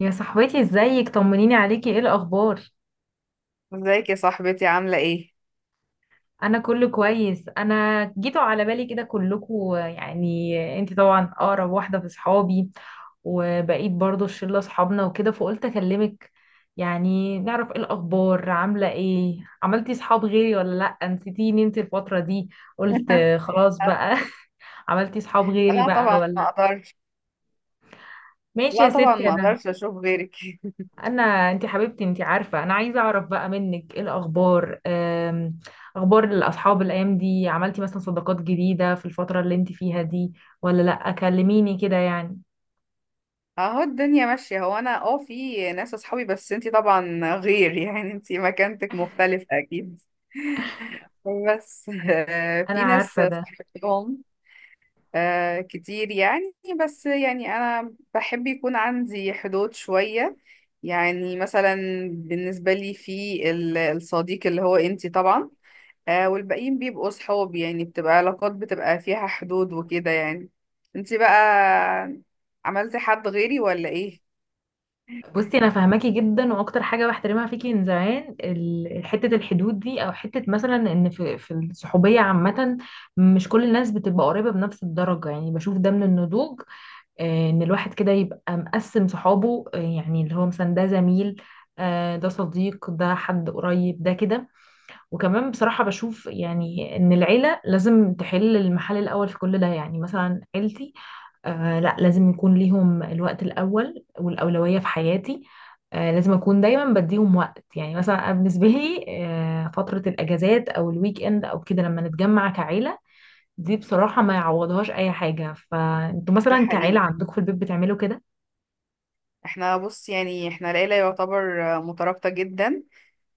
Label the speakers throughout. Speaker 1: يا صاحبتي، ازيك؟ طمنيني عليكي، ايه الاخبار؟
Speaker 2: ازيك يا صاحبتي عاملة ايه؟
Speaker 1: انا كله كويس. انا جيتوا على بالي كده كلكوا، يعني انت طبعا اقرب واحده في صحابي، وبقيت برضو الشله اصحابنا وكده، فقلت اكلمك يعني نعرف ايه الاخبار، عامله ايه، عملتي صحاب غيري ولا لا، نسيتيني انت الفتره دي؟ قلت خلاص بقى. عملتي صحاب غيري
Speaker 2: لا
Speaker 1: بقى
Speaker 2: طبعا
Speaker 1: ولا؟
Speaker 2: ما اقدرش.
Speaker 1: ماشي
Speaker 2: لا
Speaker 1: يا
Speaker 2: طبعا
Speaker 1: ستي.
Speaker 2: ما
Speaker 1: انا.
Speaker 2: اقدرش اشوف غيرك.
Speaker 1: انا انت حبيبتي، انت عارفه انا عايزه اعرف بقى منك ايه الاخبار، اخبار الاصحاب الايام دي، عملتي مثلا صداقات جديده في الفتره اللي انت فيها دي ولا لا؟ كلميني كده يعني.
Speaker 2: اهو الدنيا ماشية. هو انا في ناس اصحابي، بس انتي طبعا غير، يعني انتي مكانتك مختلفة اكيد. بس
Speaker 1: انا
Speaker 2: في ناس
Speaker 1: عارفه ده.
Speaker 2: صاحبتهم كتير يعني. بس يعني انا بحب يكون عندي حدود شوية، يعني مثلا بالنسبة لي في الصديق اللي هو انتي طبعا. والباقيين بيبقوا صحاب، يعني بتبقى علاقات بتبقى فيها حدود وكده يعني. انتي بقى عملتي حد غيري ولا ايه؟
Speaker 1: بصي، انا فاهماكي جدا، واكتر حاجه بحترمها فيكي من زمان حته الحدود دي، او حته مثلا ان في الصحوبيه عامه، مش كل الناس بتبقى قريبه بنفس الدرجه. يعني بشوف ده من النضوج، ان الواحد كده يبقى مقسم صحابه، يعني اللي هو مثلا ده زميل، ده صديق، ده حد قريب، ده كده. وكمان بصراحة بشوف يعني ان العيلة لازم تحل المحل الاول في كل ده. يعني مثلا عيلتي، لا، لازم يكون ليهم الوقت الاول والاولوية في حياتي. لازم اكون دايما بديهم وقت. يعني مثلا بالنسبة لي، فترة الاجازات او الويك اند او كده لما نتجمع كعيلة، دي بصراحة ما يعوضهاش اي حاجة. فانتوا
Speaker 2: ده
Speaker 1: مثلا كعيلة
Speaker 2: حقيقي.
Speaker 1: عندكم في البيت بتعملوا كده؟
Speaker 2: احنا بص، يعني احنا العيلة يعتبر مترابطة جدا.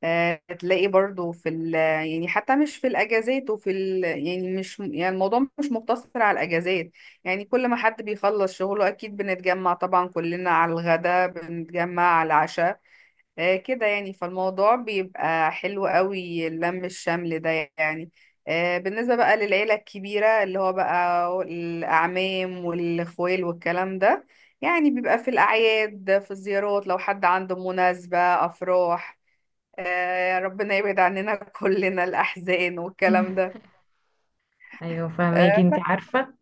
Speaker 2: تلاقي برضو في يعني حتى مش في الاجازات، وفي يعني مش يعني الموضوع مش مقتصر على الاجازات. يعني كل ما حد بيخلص شغله اكيد بنتجمع طبعا كلنا على الغداء، بنتجمع على العشاء كده يعني، فالموضوع بيبقى حلو قوي اللم الشمل ده يعني. بالنسبة بقى للعيلة الكبيرة اللي هو بقى الأعمام والأخوال والكلام ده، يعني بيبقى في الأعياد، في الزيارات لو حد عنده مناسبة أفراح، ربنا يبعد عننا كلنا الأحزان والكلام ده.
Speaker 1: ايوه، فهماكي، انت
Speaker 2: آه،
Speaker 1: عارفه.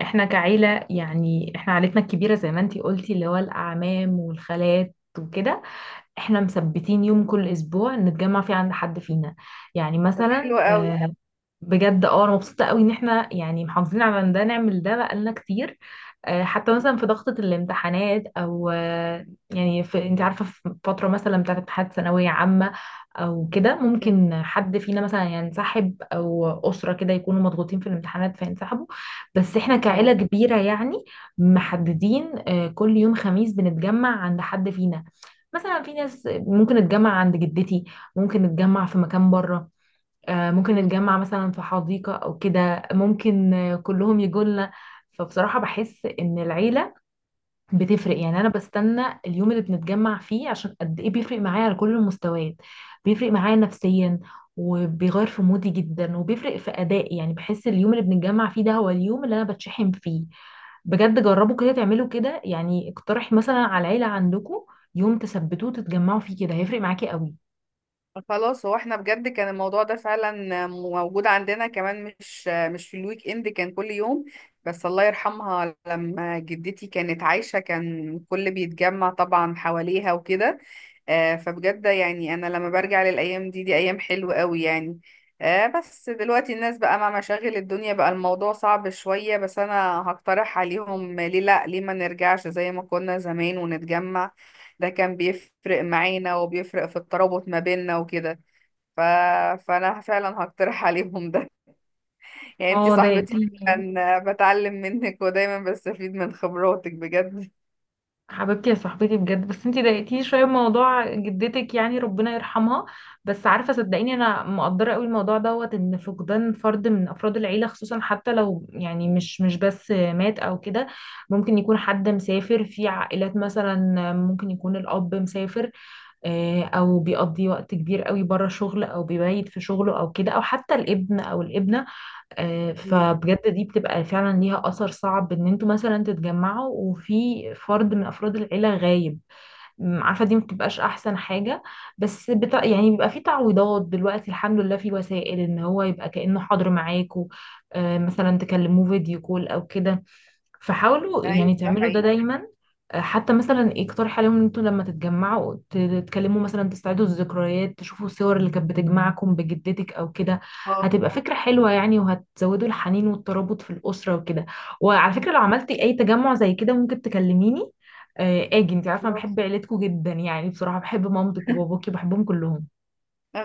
Speaker 1: احنا كعيله يعني، احنا عيلتنا الكبيره زي ما انت قلتي اللي هو الاعمام والخالات وكده، احنا مثبتين يوم كل اسبوع نتجمع فيه عند حد فينا، يعني
Speaker 2: طب
Speaker 1: مثلا
Speaker 2: حلو قوي.
Speaker 1: بجد، اه، انا مبسوطه قوي ان احنا يعني محافظين على إن ده، نعمل ده بقالنا كتير، حتى مثلا في ضغطه الامتحانات، او يعني، في، انت عارفه، في فتره مثلا بتاعت امتحانات ثانويه عامه او كده،
Speaker 2: مم.
Speaker 1: ممكن حد فينا مثلا ينسحب، او اسره كده يكونوا مضغوطين في الامتحانات فينسحبوا. بس احنا كعيله
Speaker 2: أهو.
Speaker 1: كبيره يعني، محددين كل يوم خميس بنتجمع عند حد فينا. مثلا في ناس ممكن نتجمع عند جدتي، ممكن نتجمع في مكان بره، ممكن نتجمع مثلا في حديقة أو كده، ممكن كلهم يجولنا. فبصراحة بحس إن العيلة بتفرق
Speaker 2: مم.
Speaker 1: يعني. أنا بستنى اليوم اللي بنتجمع فيه، عشان قد إيه بيفرق معايا على كل المستويات. بيفرق معايا نفسيا، وبيغير في مودي جدا، وبيفرق في أدائي. يعني بحس اليوم اللي بنتجمع فيه ده هو اليوم اللي أنا بتشحن فيه. بجد جربوا كده، تعملوا كده يعني. اقترحي مثلا على العيلة عندكم يوم تثبتوه تتجمعوا فيه، كده هيفرق معاكي قوي.
Speaker 2: خلاص، هو احنا بجد كان الموضوع ده فعلا موجود عندنا كمان، مش في الويك اند، كان كل يوم. بس الله يرحمها لما جدتي كانت عايشة كان كل بيتجمع طبعا حواليها وكده. فبجد يعني انا لما برجع للايام دي، دي ايام حلوة قوي يعني. بس دلوقتي الناس بقى مع مشاغل الدنيا بقى الموضوع صعب شوية، بس انا هقترح عليهم، ليه لا، ليه ما نرجعش زي ما كنا زمان ونتجمع؟ ده كان بيفرق معانا وبيفرق في الترابط ما بيننا وكده. ف... فانا فعلا هقترح عليهم ده. يعني انتي
Speaker 1: اه، ده،
Speaker 2: صاحبتي، فعلا بتعلم منك ودايما بستفيد من خبراتك بجد.
Speaker 1: حبيبتي يا صاحبتي بجد. بس انتي ضايقتيني شويه بموضوع جدتك، يعني ربنا يرحمها. بس عارفه، صدقيني، انا مقدره قوي الموضوع دوت، ان فقدان فرد من افراد العيله خصوصا، حتى لو يعني مش بس مات او كده. ممكن يكون حد مسافر، في عائلات مثلا ممكن يكون الاب مسافر، او بيقضي وقت كبير قوي بره شغل، او بيبيت في شغله او كده، او حتى الابن او الابنه.
Speaker 2: مم.
Speaker 1: فبجد دي بتبقى فعلا ليها أثر صعب، إن انتوا مثلا تتجمعوا وفي فرد من أفراد العيلة غايب. عارفة دي مبتبقاش أحسن حاجة. بس يعني بيبقى في تعويضات دلوقتي، الحمد لله، في وسائل إن هو يبقى كأنه حاضر معاكوا. مثلا تكلموه فيديو كول أو كده. فحاولوا يعني
Speaker 2: ايوه، ده
Speaker 1: تعملوا ده
Speaker 2: حقيقي.
Speaker 1: دايما. حتى مثلا اقترح عليهم ان انتوا لما تتجمعوا تتكلموا مثلا، تستعيدوا الذكريات، تشوفوا الصور اللي كانت بتجمعكم بجدتك او كده.
Speaker 2: اه.
Speaker 1: هتبقى فكرة حلوة يعني، وهتزودوا الحنين والترابط في الأسرة وكده. وعلى فكرة، لو عملتي اي تجمع زي كده ممكن تكلميني، اجي، انت عارفة أنا بحب
Speaker 2: خلاص.
Speaker 1: عيلتكم جدا. يعني بصراحة بحب مامتك وباباكي، بحبهم كلهم.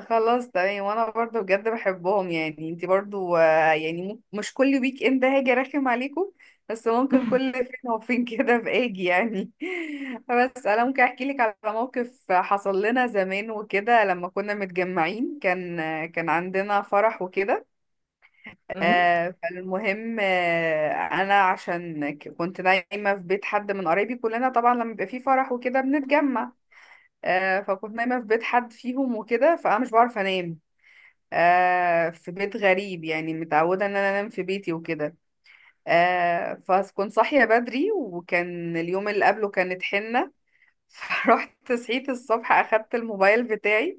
Speaker 2: خلاص تمام. وانا برضو بجد بحبهم، يعني انتي برضو يعني مش كل ويك اند هاجي ارخم عليكم، بس ممكن كل فين وفين كده باجي يعني. بس انا ممكن احكي لك على موقف حصل لنا زمان وكده لما كنا متجمعين، كان عندنا فرح وكده. فالمهم، انا عشان كنت نايمه في بيت حد من قرايبي. كلنا طبعا لما بيبقى فيه فرح وكده بنتجمع، فكنت نايمه في بيت حد فيهم وكده، فانا مش بعرف انام في بيت غريب، يعني متعودة ان انا انام في بيتي وكده. فكنت صاحية بدري، وكان اليوم اللي قبله كانت حنة. فرحت صحيت الصبح، اخدت الموبايل بتاعي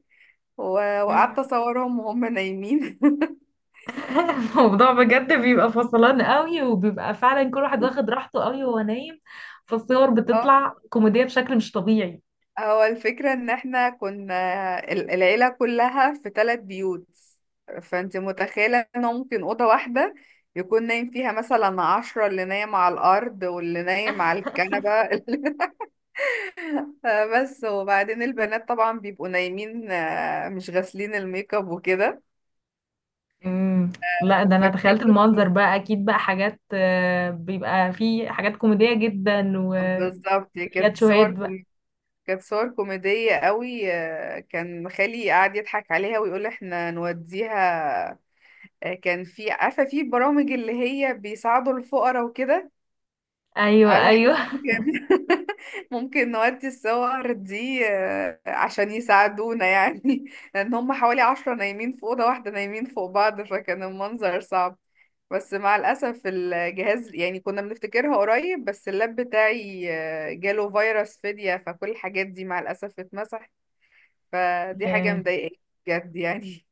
Speaker 1: أمم.
Speaker 2: وقعدت اصورهم وهم نايمين.
Speaker 1: الموضوع بجد بيبقى فصلان قوي، وبيبقى فعلا كل واحد واخد راحته قوي وهو نايم. فالصور
Speaker 2: اه،
Speaker 1: بتطلع كوميدية بشكل مش طبيعي.
Speaker 2: هو الفكرة ان احنا كنا العيلة كلها في ثلاث بيوت، فانت متخيلة ان هو ممكن أوضة واحدة يكون نايم فيها مثلا 10، اللي نايم على الأرض واللي نايم على الكنبة. بس وبعدين البنات طبعا بيبقوا نايمين مش غاسلين الميك اب وكده.
Speaker 1: امم لا، ده انا تخيلت
Speaker 2: فكانت
Speaker 1: المنظر بقى، اكيد بقى حاجات، بيبقى فيه حاجات كوميدية جدا
Speaker 2: بالظبط،
Speaker 1: وياد شوهاد بقى.
Speaker 2: كانت صور كوميدية قوي. كان خالي قاعد يضحك عليها ويقول احنا نوديها. كان في، عارفة، في برامج اللي هي بيساعدوا الفقراء وكده،
Speaker 1: ايوه،
Speaker 2: على احنا
Speaker 1: ايوه.
Speaker 2: ممكن ممكن نودي الصور دي، عشان يساعدونا يعني. لان هم حوالي 10 نايمين في اوضه واحده، نايمين فوق بعض، فكان المنظر صعب. بس مع الاسف الجهاز، يعني كنا بنفتكرها قريب، بس اللاب بتاعي جاله فيروس فدية، فكل الحاجات دي مع الاسف اتمسحت. فدي حاجه مضايقاني بجد يعني.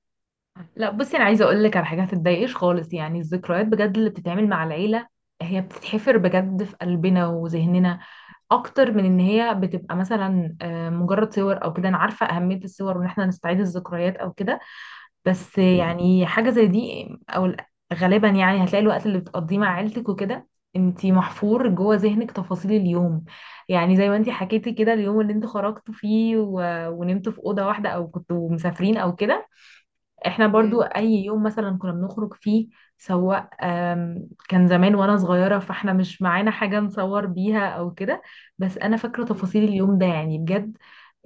Speaker 1: لا، بصي، انا عايزه اقول لك على حاجه: هتتضايقش خالص. يعني الذكريات بجد اللي بتتعمل مع العيله، هي بتتحفر بجد في قلبنا وذهننا، اكتر من ان هي بتبقى مثلا مجرد صور او كده. انا عارفه اهميه الصور، وان احنا نستعيد الذكريات او كده. بس يعني حاجه زي دي او غالبا يعني هتلاقي الوقت اللي بتقضيه مع عيلتك وكده، انتي محفور جوه ذهنك تفاصيل اليوم. يعني زي ما انتي حكيتي كده، اليوم اللي انتوا خرجتوا فيه ونمتوا في اوضه واحده، او كنتوا مسافرين او كده. احنا برضو اي يوم مثلا كنا بنخرج فيه، سواء كان زمان وانا صغيرة، فاحنا مش معانا حاجة نصور بيها او كده، بس انا فاكرة
Speaker 2: مم.
Speaker 1: تفاصيل اليوم ده، يعني بجد.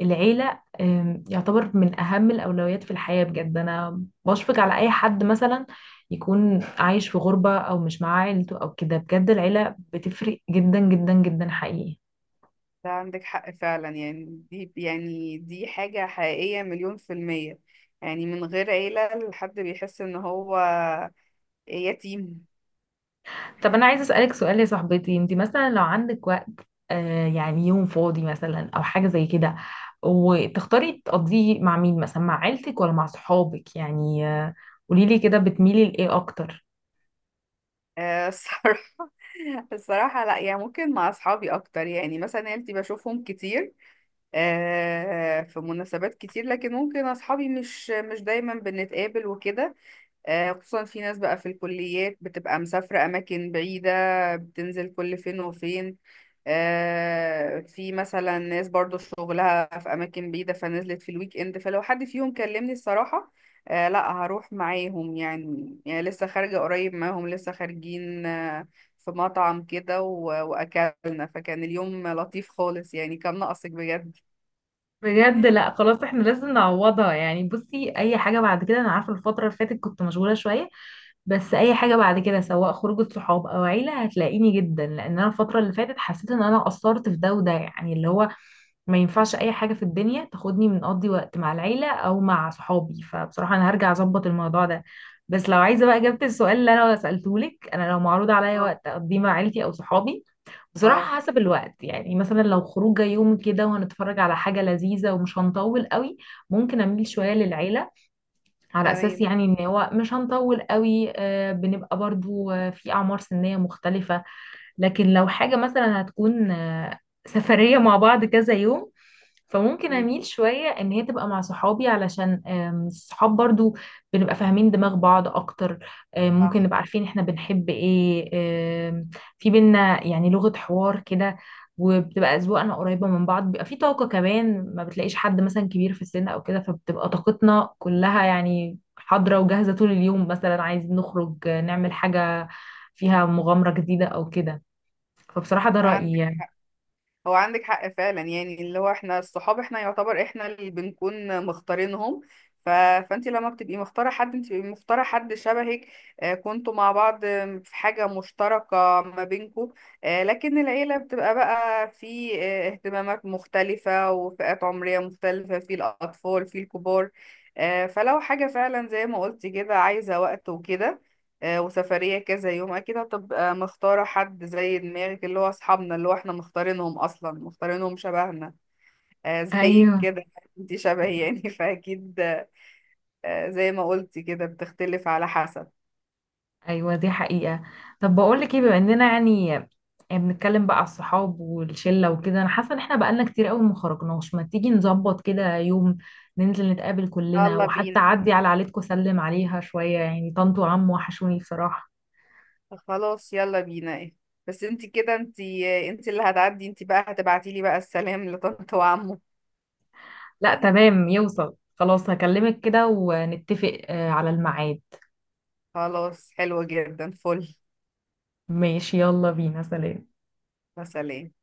Speaker 1: العيلة يعتبر من اهم الاولويات في الحياة بجد. انا بشفق على اي حد مثلا يكون عايش في غربة، او مش معاه عيلته او كده. بجد العيلة بتفرق جدا جدا جدا، حقيقي.
Speaker 2: ده عندك حق فعلا، يعني دي، يعني دي حاجة حقيقية مليون في المية، يعني من غير عيلة الحد بيحس ان هو يتيم.
Speaker 1: طب انا عايزه اسالك سؤال، يا صاحبتي. انت مثلا لو عندك وقت، يعني يوم فاضي مثلا، او حاجه زي كده، وتختاري تقضيه مع مين؟ مثلا مع عيلتك ولا مع صحابك؟ يعني قوليلي كده بتميلي لايه اكتر.
Speaker 2: الصراحة. الصراحة لا، يعني ممكن مع اصحابي اكتر، يعني مثلا عيلتي بشوفهم كتير في مناسبات كتير، لكن ممكن اصحابي مش دايما بنتقابل وكده. خصوصا في ناس بقى في الكليات بتبقى مسافرة أماكن بعيدة، بتنزل كل فين وفين. في مثلا ناس برضو شغلها في أماكن بعيدة، فنزلت في الويك إند، فلو حد فيهم كلمني، الصراحة لا، هروح معاهم يعني لسه خارجة قريب معاهم، لسه خارجين في مطعم كده وأكلنا، فكان اليوم لطيف خالص، يعني كان ناقصك بجد.
Speaker 1: بجد، لا، خلاص احنا لازم نعوضها. يعني بصي، اي حاجه بعد كده، انا عارفه الفتره اللي فاتت كنت مشغوله شويه، بس اي حاجه بعد كده سواء خروجه صحاب او عيله هتلاقيني جدا، لان انا الفتره اللي فاتت حسيت ان انا قصرت في ده وده، يعني اللي هو ما ينفعش اي حاجه في الدنيا تاخدني من اقضي وقت مع العيله او مع صحابي. فبصراحه انا هرجع اظبط الموضوع ده. بس لو عايزه بقى اجابه السؤال اللي انا سالته لك، انا لو معروض عليا
Speaker 2: اه،
Speaker 1: وقت اقضيه مع عيلتي او صحابي،
Speaker 2: اه،
Speaker 1: بصراحة حسب الوقت. يعني مثلا لو خروجة يوم كده، وهنتفرج على حاجة لذيذة، ومش هنطول قوي، ممكن أميل
Speaker 2: م،
Speaker 1: شوية للعيلة، على أساس
Speaker 2: تمام،
Speaker 1: يعني إن هو مش هنطول قوي. بنبقى برضو في أعمار سنية مختلفة. لكن لو
Speaker 2: م-
Speaker 1: حاجة مثلا هتكون سفرية مع بعض كذا يوم، فممكن
Speaker 2: م-
Speaker 1: اميل شويه ان هي تبقى مع صحابي، علشان الصحاب برضو بنبقى فاهمين دماغ بعض اكتر، ممكن
Speaker 2: صح،
Speaker 1: نبقى عارفين احنا بنحب ايه، آم، في بينا يعني لغه حوار كده، وبتبقى اذواقنا قريبه من بعض. بيبقى في طاقه كمان، ما بتلاقيش حد مثلا كبير في السن او كده، فبتبقى طاقتنا كلها يعني حاضره وجاهزه طول اليوم، مثلا عايزين نخرج نعمل حاجه فيها مغامره جديده او كده. فبصراحه ده رايي
Speaker 2: عندك
Speaker 1: يعني.
Speaker 2: حق. هو عندك حق فعلا، يعني اللي هو احنا الصحاب احنا يعتبر احنا اللي بنكون مختارينهم. ف... فانت لما بتبقي مختاره حد، انت بتبقي مختاره حد شبهك كنتوا مع بعض في حاجه مشتركه ما بينكوا. لكن العيله بتبقى بقى في اهتمامات مختلفه وفئات عمريه مختلفه، في الاطفال في الكبار. فلو حاجه فعلا زي ما قلتي كده عايزه وقت وكده وسفرية كذا يوم، أكيد هتبقى مختارة حد زي دماغك، اللي هو أصحابنا اللي هو احنا مختارينهم أصلا، مختارينهم شبهنا زيك
Speaker 1: ايوه،
Speaker 2: كده. انتي شبهي يعني فأكيد زي ما قلتي كده بتختلف على حسب.
Speaker 1: ايوه، دي حقيقة. طب بقول لك ايه؟ بما اننا يعني بنتكلم بقى على الصحاب والشلة وكده، انا حاسة ان احنا بقالنا كتير قوي ما خرجناش. ما تيجي نظبط كده يوم ننزل نتقابل كلنا،
Speaker 2: يلا
Speaker 1: وحتى
Speaker 2: بينا.
Speaker 1: اعدي على عيلتكم اسلم عليها شوية، يعني طنط وعم وحشوني بصراحة.
Speaker 2: خلاص يلا بينا، ايه؟ بس انتي كده، انتي اللي هتعدي، انتي بقى هتبعتيلي بقى السلام لطنط وعمو.
Speaker 1: لا، تمام، يوصل خلاص. هكلمك كده ونتفق على الميعاد.
Speaker 2: خلاص حلو جدا، فل.
Speaker 1: ماشي، يلا بينا، سلام.
Speaker 2: يا سلام.